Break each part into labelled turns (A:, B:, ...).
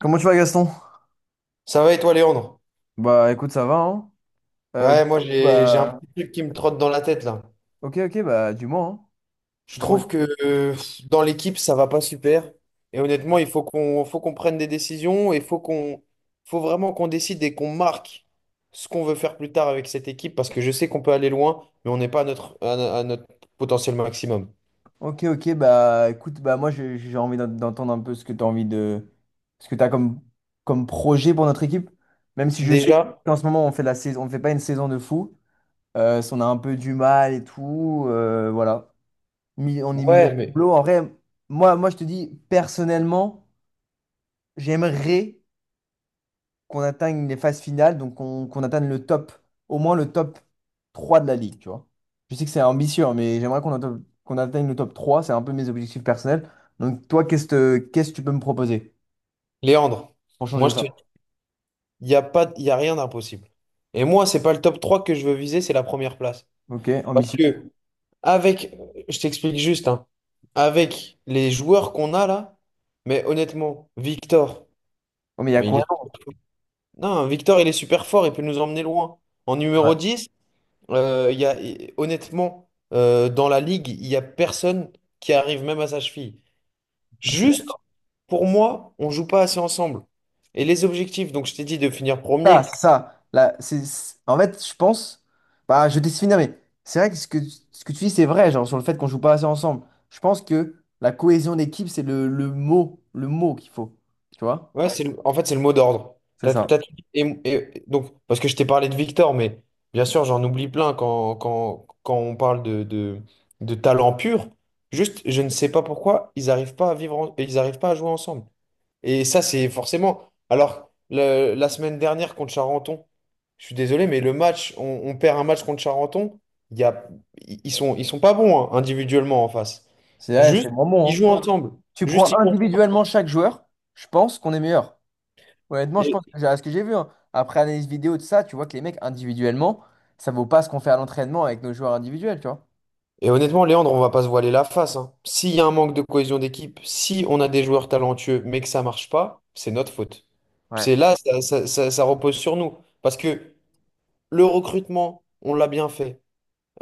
A: Comment tu vas, Gaston?
B: Ça va et toi, Léandre?
A: Bah écoute, ça va, hein. Euh,
B: Ouais,
A: du coup,
B: moi j'ai un
A: bah
B: petit truc qui me trotte dans la tête là.
A: ok ok bah dis-moi, hein.
B: Je
A: Dis-moi.
B: trouve que dans l'équipe, ça va pas super. Et honnêtement, il faut qu'on prenne des décisions et faut vraiment qu'on décide et qu'on marque ce qu'on veut faire plus tard avec cette équipe parce que je sais qu'on peut aller loin, mais on n'est pas à notre, à, à notre potentiel maximum.
A: Ok ok bah écoute, bah moi j'ai envie d'entendre un peu ce que tu as envie de ce que tu as comme projet pour notre équipe, même si je sais
B: Déjà,
A: qu'en ce moment on fait la saison, on fait pas une saison de fou, si on a un peu du mal et tout, voilà. On est milieu
B: ouais,
A: de
B: mais
A: tableau en vrai. Moi, je te dis personnellement, j'aimerais qu'on atteigne les phases finales, donc qu'on atteigne le top, au moins le top 3 de la ligue, tu vois. Je sais que c'est ambitieux, hein, mais j'aimerais qu'on atteigne le top 3, c'est un peu mes objectifs personnels. Donc toi, qu'est-ce que tu peux me proposer
B: Léandre,
A: pour
B: moi
A: changer
B: je
A: ça?
B: te dis, il n'y a pas, il y a rien d'impossible. Et moi, c'est pas le top 3 que je veux viser, c'est la première place.
A: Ok,
B: Parce
A: ambitieux.
B: que Avec, je t'explique juste, hein. Avec les joueurs qu'on a là, mais honnêtement, Victor,
A: Oh, mais il y a
B: mais il
A: quoi
B: est...
A: d'autre?
B: Non, Victor, il est super fort, il peut nous emmener loin. En numéro
A: Ouais.
B: dix, il y a, honnêtement, dans la ligue, il n'y a personne qui arrive même à sa cheville.
A: Je sais
B: Juste,
A: pas.
B: pour moi, on joue pas assez ensemble. Et les objectifs, donc je t'ai dit de finir
A: Ah,
B: premier.
A: c'est ça. Là, en fait, je pense, bah, je vais te laisse finir, mais c'est vrai que ce que tu dis, c'est vrai, genre sur le fait qu'on joue pas assez ensemble. Je pense que la cohésion d'équipe, c'est le mot, le mot qu'il faut, tu vois?
B: Ouais, en fait, c'est le mot d'ordre.
A: C'est
B: T'as-
A: ça.
B: t'as tout dit. Et, donc, parce que je t'ai parlé de Victor, mais bien sûr, j'en oublie plein quand on parle de, de talent pur. Juste, je ne sais pas pourquoi ils n'arrivent pas à vivre, ils arrivent pas à jouer ensemble. Et ça, c'est forcément. Alors, la semaine dernière contre Charenton, je suis désolé, mais le match, on perd un match contre Charenton. Il y a, ils sont pas bons, hein, individuellement en face.
A: C'est ouais, c'est
B: Juste,
A: vraiment
B: ils
A: bon,
B: jouent
A: hein.
B: ensemble.
A: Tu
B: Juste,
A: prends
B: ils
A: individuellement chaque joueur, je pense qu'on est meilleur. Honnêtement, je pense
B: jouent.
A: à ce que j'ai vu, hein. Après analyse vidéo, de ça, tu vois que les mecs individuellement, ça vaut pas ce qu'on fait à l'entraînement avec nos joueurs individuels, tu vois.
B: Et honnêtement, Léandre, on va pas se voiler la face, hein. S'il y a un manque de cohésion d'équipe, si on a des joueurs talentueux mais que ça marche pas, c'est notre faute.
A: Ouais.
B: C'est là, ça, ça repose sur nous. Parce que le recrutement, on l'a bien fait.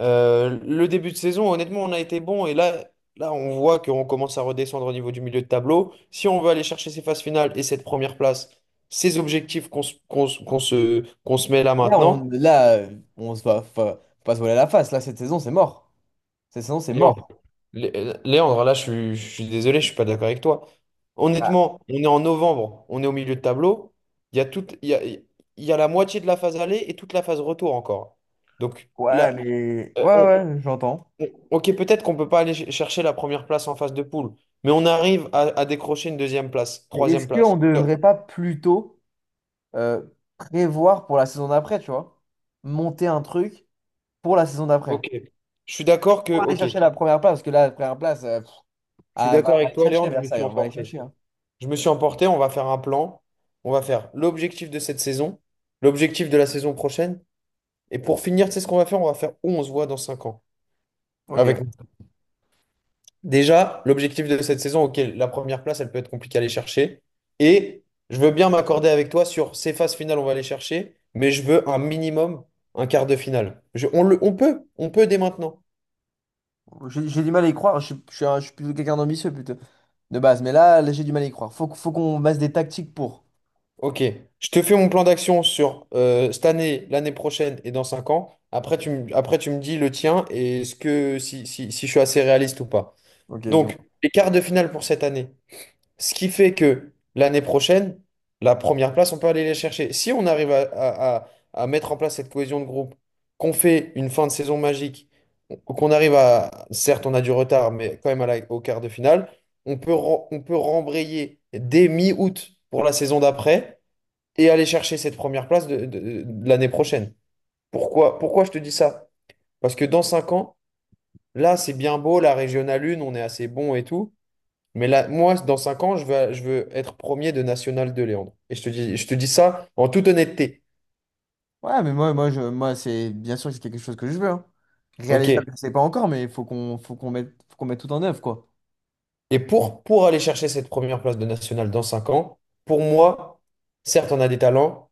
B: Le début de saison, honnêtement, on a été bon. Et là, là, on voit qu'on commence à redescendre au niveau du milieu de tableau. Si on veut aller chercher ces phases finales et cette première place, ces objectifs qu'on se met là
A: Là,
B: maintenant.
A: on, là, on se va, faut pas se voiler la face. Là, cette saison, c'est mort. Cette saison, c'est mort.
B: Léandre, là, je suis désolé, je suis pas d'accord avec toi. Honnêtement, on est en novembre, on est au milieu de tableau. Il y a toute, il y a la moitié de la phase aller et toute la phase retour encore. Donc
A: Ouais,
B: là,
A: mais...
B: euh,
A: Ouais,
B: on-
A: ouais, j'entends.
B: ok, peut-être qu'on peut pas aller chercher la première place en phase de poule, mais on arrive à, décrocher une deuxième place,
A: Mais est-ce
B: troisième
A: qu'on
B: place.
A: ne devrait pas plutôt euh, prévoir pour la saison d'après, tu vois? Monter un truc pour la saison d'après.
B: Ok,
A: Pour aller
B: je
A: chercher la première place, parce que là, la première place... pff,
B: suis
A: ah, va,
B: d'accord
A: va
B: avec
A: les
B: toi,
A: chercher,
B: Léandre, je me
A: Versailles,
B: suis
A: on va les
B: emporté.
A: chercher, hein.
B: Je me suis emporté. On va faire un plan. On va faire l'objectif de cette saison, l'objectif de la saison prochaine. Et pour finir, tu sais ce qu'on va faire? On va faire où on se voit dans 5 ans.
A: Ok.
B: Avec déjà l'objectif de cette saison, ok, la première place, elle peut être compliquée à aller chercher. Et je veux bien m'accorder avec toi sur ces phases finales, on va aller chercher, mais je veux un minimum, un quart de finale. On peut dès maintenant.
A: J'ai du mal à y croire. Je suis plutôt quelqu'un d'ambitieux, plutôt. De base. Mais là, là, j'ai du mal à y croire. Faut, faut qu'on base des tactiques pour.
B: Ok, je te fais mon plan d'action sur cette année, l'année prochaine et dans 5 ans. Après, tu me dis le tien et ce que si, je suis assez réaliste ou pas.
A: Ok, dis-moi.
B: Donc, les quarts de finale pour cette année. Ce qui fait que l'année prochaine, la première place, on peut aller les chercher. Si on arrive à, à mettre en place cette cohésion de groupe, qu'on fait une fin de saison magique, qu'on arrive à, certes, on a du retard, mais quand même à au quart de finale, on peut rembrayer dès mi-août pour la saison d'après et aller chercher cette première place de, de l'année prochaine. Pourquoi, je te dis ça? Parce que dans 5 ans, là, c'est bien beau, la régionale 1, on est assez bon et tout. Mais là, moi, dans 5 ans, je veux être premier de National de Léandre. Et je te dis ça en toute honnêteté.
A: Ouais, mais moi, c'est bien sûr que c'est quelque chose que je veux, hein.
B: OK.
A: Réalisable, je sais pas encore, mais il faut qu'on mette, faut qu'on mette tout en œuvre, quoi.
B: Et pour, aller chercher cette première place de National dans 5 ans, pour moi, certes, on a des talents,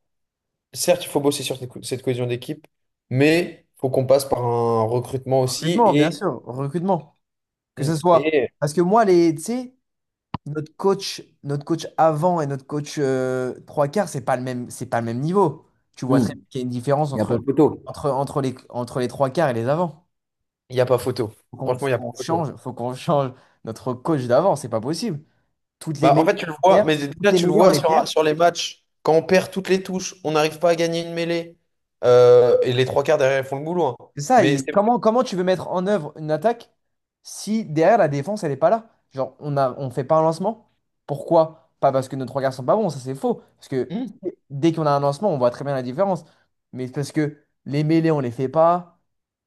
B: certes, il faut bosser sur cette cohésion d'équipe, mais il faut qu'on passe par un recrutement aussi.
A: Recrutement, bien
B: Et,
A: sûr. Recrutement. Que ce soit.
B: et
A: Parce que moi, les, tu sais, notre coach avant et notre coach trois quarts, c'est pas le même, c'est pas le même niveau. Tu vois très bien qu'il y a une différence
B: Il y a pas-
A: entre les trois quarts et les avants.
B: il n'y a pas photo.
A: Faut qu'on
B: Franchement,
A: faut
B: il n'y a pas
A: qu'on
B: photo.
A: change, faut qu'on change notre coach d'avant, c'est pas possible. Toutes les
B: Bah, en
A: mêlées,
B: fait, tu le
A: on les
B: vois,
A: perd.
B: mais
A: Toutes
B: déjà,
A: les
B: tu le
A: mêlées, on
B: vois
A: les perd.
B: sur les matchs. Quand on perd toutes les touches, on n'arrive pas à gagner une mêlée. Et les trois quarts derrière, ils font le boulot, hein.
A: C'est ça,
B: Mais
A: il-
B: c'est.
A: comment, comment tu veux mettre en œuvre une attaque si derrière la défense, elle n'est pas là? Genre, on fait pas un lancement. Pourquoi? Pas parce que nos trois garçons sont pas bons, ça c'est faux. Parce que
B: Hmm.
A: dès qu'on a un lancement, on voit très bien la différence. Mais c'est parce que les mêlées, on les fait pas.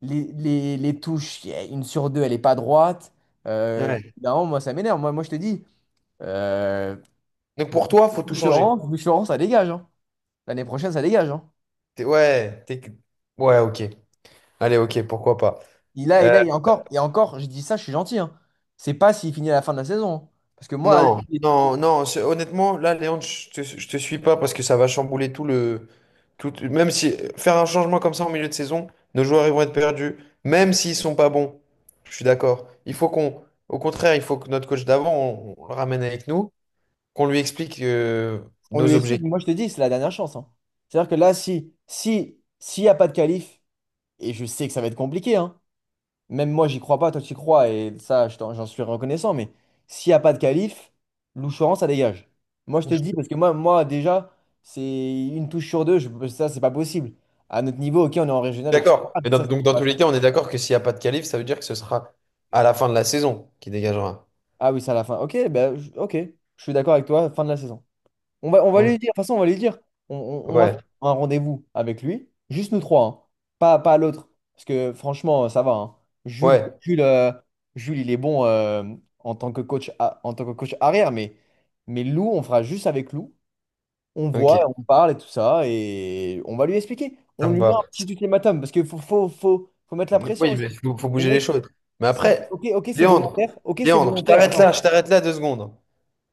A: Les touches, y a une sur deux, elle est pas droite. Euh,
B: Ouais.
A: non, moi, ça m'énerve. Moi, je te dis, euh,
B: Donc pour toi, faut tout changer.
A: Boucheron, Boucheron, ça dégage, hein. L'année prochaine, ça dégage, hein.
B: Ouais, ouais, ok. Allez, ok, pourquoi pas.
A: Il a, il a,
B: Euh,
A: et encore, et encore, je dis ça, je suis gentil, hein. C'est pas s'il finit à la fin de la saison, hein. Parce que moi,
B: non,
A: lui,
B: non, non. Honnêtement, là, Léon, je te suis pas parce que ça va chambouler tout le. Tout, même si faire un changement comme ça en milieu de saison, nos joueurs ils vont être perdus, même s'ils sont pas bons. Je suis d'accord. Au contraire, il faut que notre coach d'avant, on le ramène avec nous, qu'on lui explique
A: on lui
B: nos
A: explique,
B: objectifs.
A: moi je te dis, c'est la dernière chance, hein. C'est-à-dire que là, si, si, s'il n'y a pas de qualif, et je sais que ça va être compliqué, hein. Même moi, j'y crois pas, toi tu y crois, et ça, j'en suis reconnaissant, mais s'il n'y a pas de qualif, Louchoran, ça dégage. Moi, je te dis, parce que moi, déjà, c'est une touche sur deux, je, ça, c'est pas possible. À notre niveau, ok, on est en régional, etc.
B: D'accord. Mais
A: Mais ça, c'est
B: donc dans
A: pas
B: tous
A: ça.
B: les cas, on est d'accord que s'il n'y a pas de qualif, ça veut dire que ce sera à la fin de la saison qui dégagera.
A: Ah oui, c'est à la fin. Ok, ben, ok, je suis d'accord avec toi, fin de la saison. On va lui
B: Mm.
A: dire, de toute façon, on va lui dire. On, on va
B: Ouais,
A: faire un rendez-vous avec lui, juste nous trois, hein. Pas, pas l'autre. Parce que franchement, ça va, hein. Jules,
B: ouais,
A: Jules, Jules, il est bon en tant que coach, en tant que coach arrière, mais, Lou, on fera juste avec Lou. On
B: ok,
A: voit, on parle et tout ça, et on va lui expliquer.
B: ça
A: On
B: me
A: lui met un
B: va.
A: petit ultimatum, parce qu'il faut, faut, mettre la pression
B: Oui,
A: aussi.
B: mais faut
A: Les
B: bouger les
A: mecs,
B: choses. Mais après,
A: ok, ok, c'est
B: Léandre,
A: volontaire. Ok, c'est volontaire. Attends,
B: Je t'arrête là 2 secondes.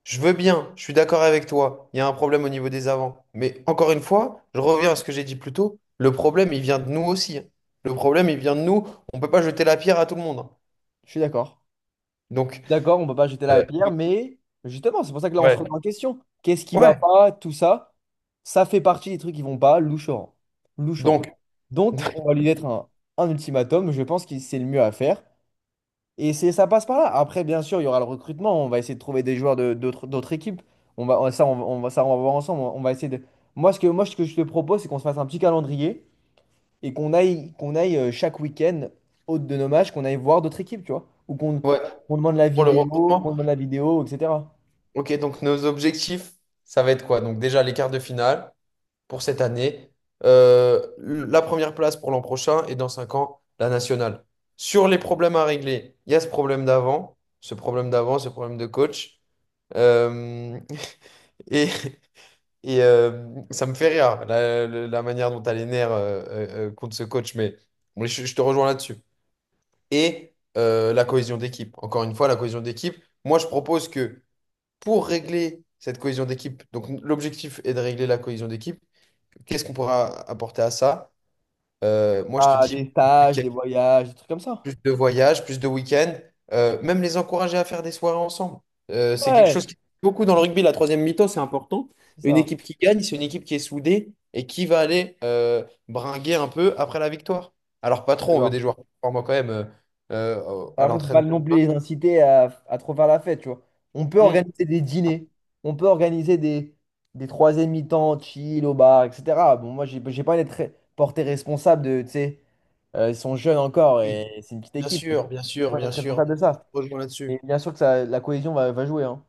B: Je veux bien, je suis d'accord avec toi, il y a un problème au niveau des avants. Mais encore une fois, je reviens à ce que j'ai dit plus tôt, le problème, il vient de nous aussi, hein. Le problème, il vient de nous, on ne peut pas jeter la pierre à tout le monde, hein.
A: je suis d'accord.
B: Donc,
A: D'accord, on peut pas jeter la
B: Euh,
A: pierre, mais justement, c'est pour ça que là, on se remet
B: ouais,
A: en question. Qu'est-ce qui va
B: ouais.
A: pas, tout ça, ça fait partie des trucs qui vont pas, louchoran. Louchoran.
B: Donc,
A: Donc, on va lui mettre un ultimatum, je pense que c'est le mieux à faire. Et c'est, ça passe par là. Après, bien sûr, il y aura le recrutement, on va essayer de trouver des joueurs d'autres équipes. On va, ça, on va- ça, on va voir ensemble. On va essayer de... Moi, ce que je te propose, c'est qu'on se fasse un petit calendrier et qu'on aille chaque week-end, hôte de nos matchs, qu'on aille voir d'autres équipes, tu vois, ou qu'on
B: ouais,
A: qu'on demande la
B: pour le
A: vidéo, qu'on
B: recrutement,
A: demande la vidéo, etc.
B: ok, donc nos objectifs, ça va être quoi? Donc déjà les quarts de finale pour cette année, la première place pour l'an prochain et dans cinq ans, la nationale. Sur les problèmes à régler, il y a ce problème d'avant, ce problème de coach. Euh, et et ça me fait rire, la manière dont tu as les nerfs contre ce coach, mais je te rejoins là-dessus. Et la cohésion d'équipe. Encore une fois, la cohésion d'équipe. Moi, je propose que pour régler cette cohésion d'équipe, donc l'objectif est de régler la cohésion d'équipe, qu'est-ce qu'on pourra apporter à ça? Moi, je te
A: Ah, des
B: dis ok,
A: stages, des voyages, des trucs comme ça.
B: plus de voyages, plus de week-ends, même les encourager à faire des soirées ensemble. C'est quelque chose
A: Ouais,
B: qui beaucoup dans le rugby, la troisième mi-temps, c'est important.
A: c'est
B: Une
A: ça.
B: équipe qui gagne, c'est une équipe qui est soudée et qui va aller bringuer un peu après la victoire. Alors pas
A: Je suis
B: trop, on veut des
A: d'accord.
B: joueurs performants quand même
A: Et
B: à
A: après, faut pas
B: l'entraînement.
A: non plus les inciter à trop faire la fête, tu vois. On peut
B: Mm.
A: organiser des dîners, on peut organiser des troisième mi-temps chill au bar, etc. Bon, moi, j'ai pas envie d'être porté responsable de, tu sais, ils sont jeunes encore
B: Oui,
A: et c'est une petite
B: bien
A: équipe, donc
B: sûr, bien sûr,
A: faut pas
B: bien
A: être
B: sûr.
A: responsable de
B: Je te
A: ça.
B: rejoins là-dessus.
A: Et bien sûr que ça, la cohésion va jouer, hein.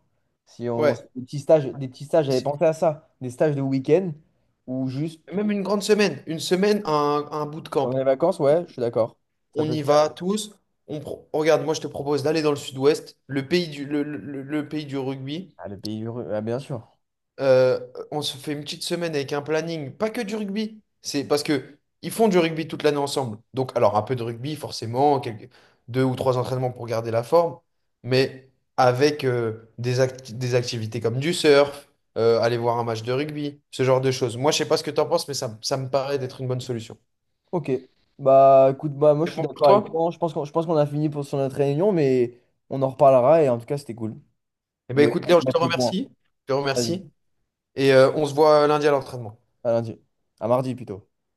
A: Si on, si
B: Ouais.
A: des petits stages, des petits stages, j'avais
B: C'est-
A: pensé à ça. Des stages de week-end ou juste
B: Même une grande semaine. Une semaine, un
A: pendant les
B: bootcamp.
A: vacances, ouais, je suis d'accord. Ça
B: On
A: peut
B: y
A: se faire.
B: va tous. Regarde, moi je te propose d'aller dans le sud-ouest, le pays du rugby.
A: Ah, le pays heureux, ah, bien sûr.
B: Euh, on se fait une petite semaine avec un planning, pas que du rugby. C'est parce que ils font du rugby toute l'année ensemble. Donc, alors un peu de rugby, forcément, deux ou trois entraînements pour garder la forme, mais avec des activités comme du surf, aller voir un match de rugby, ce genre de choses. Moi, je sais pas ce que tu en penses, mais ça me paraît d'être une bonne solution.
A: Ok. Bah écoute, bah moi je
B: C'est
A: suis
B: bon pour
A: d'accord avec
B: toi?
A: toi, hein. Je pense qu'on a fini pour sur notre réunion, mais on en reparlera et en tout cas c'était cool
B: Eh
A: de,
B: ben
A: de
B: écoute, Léon, je
A: mettre
B: te
A: les points.
B: remercie. Je te
A: Vas-y,
B: remercie. Et on se voit lundi à l'entraînement.
A: à lundi. À mardi plutôt.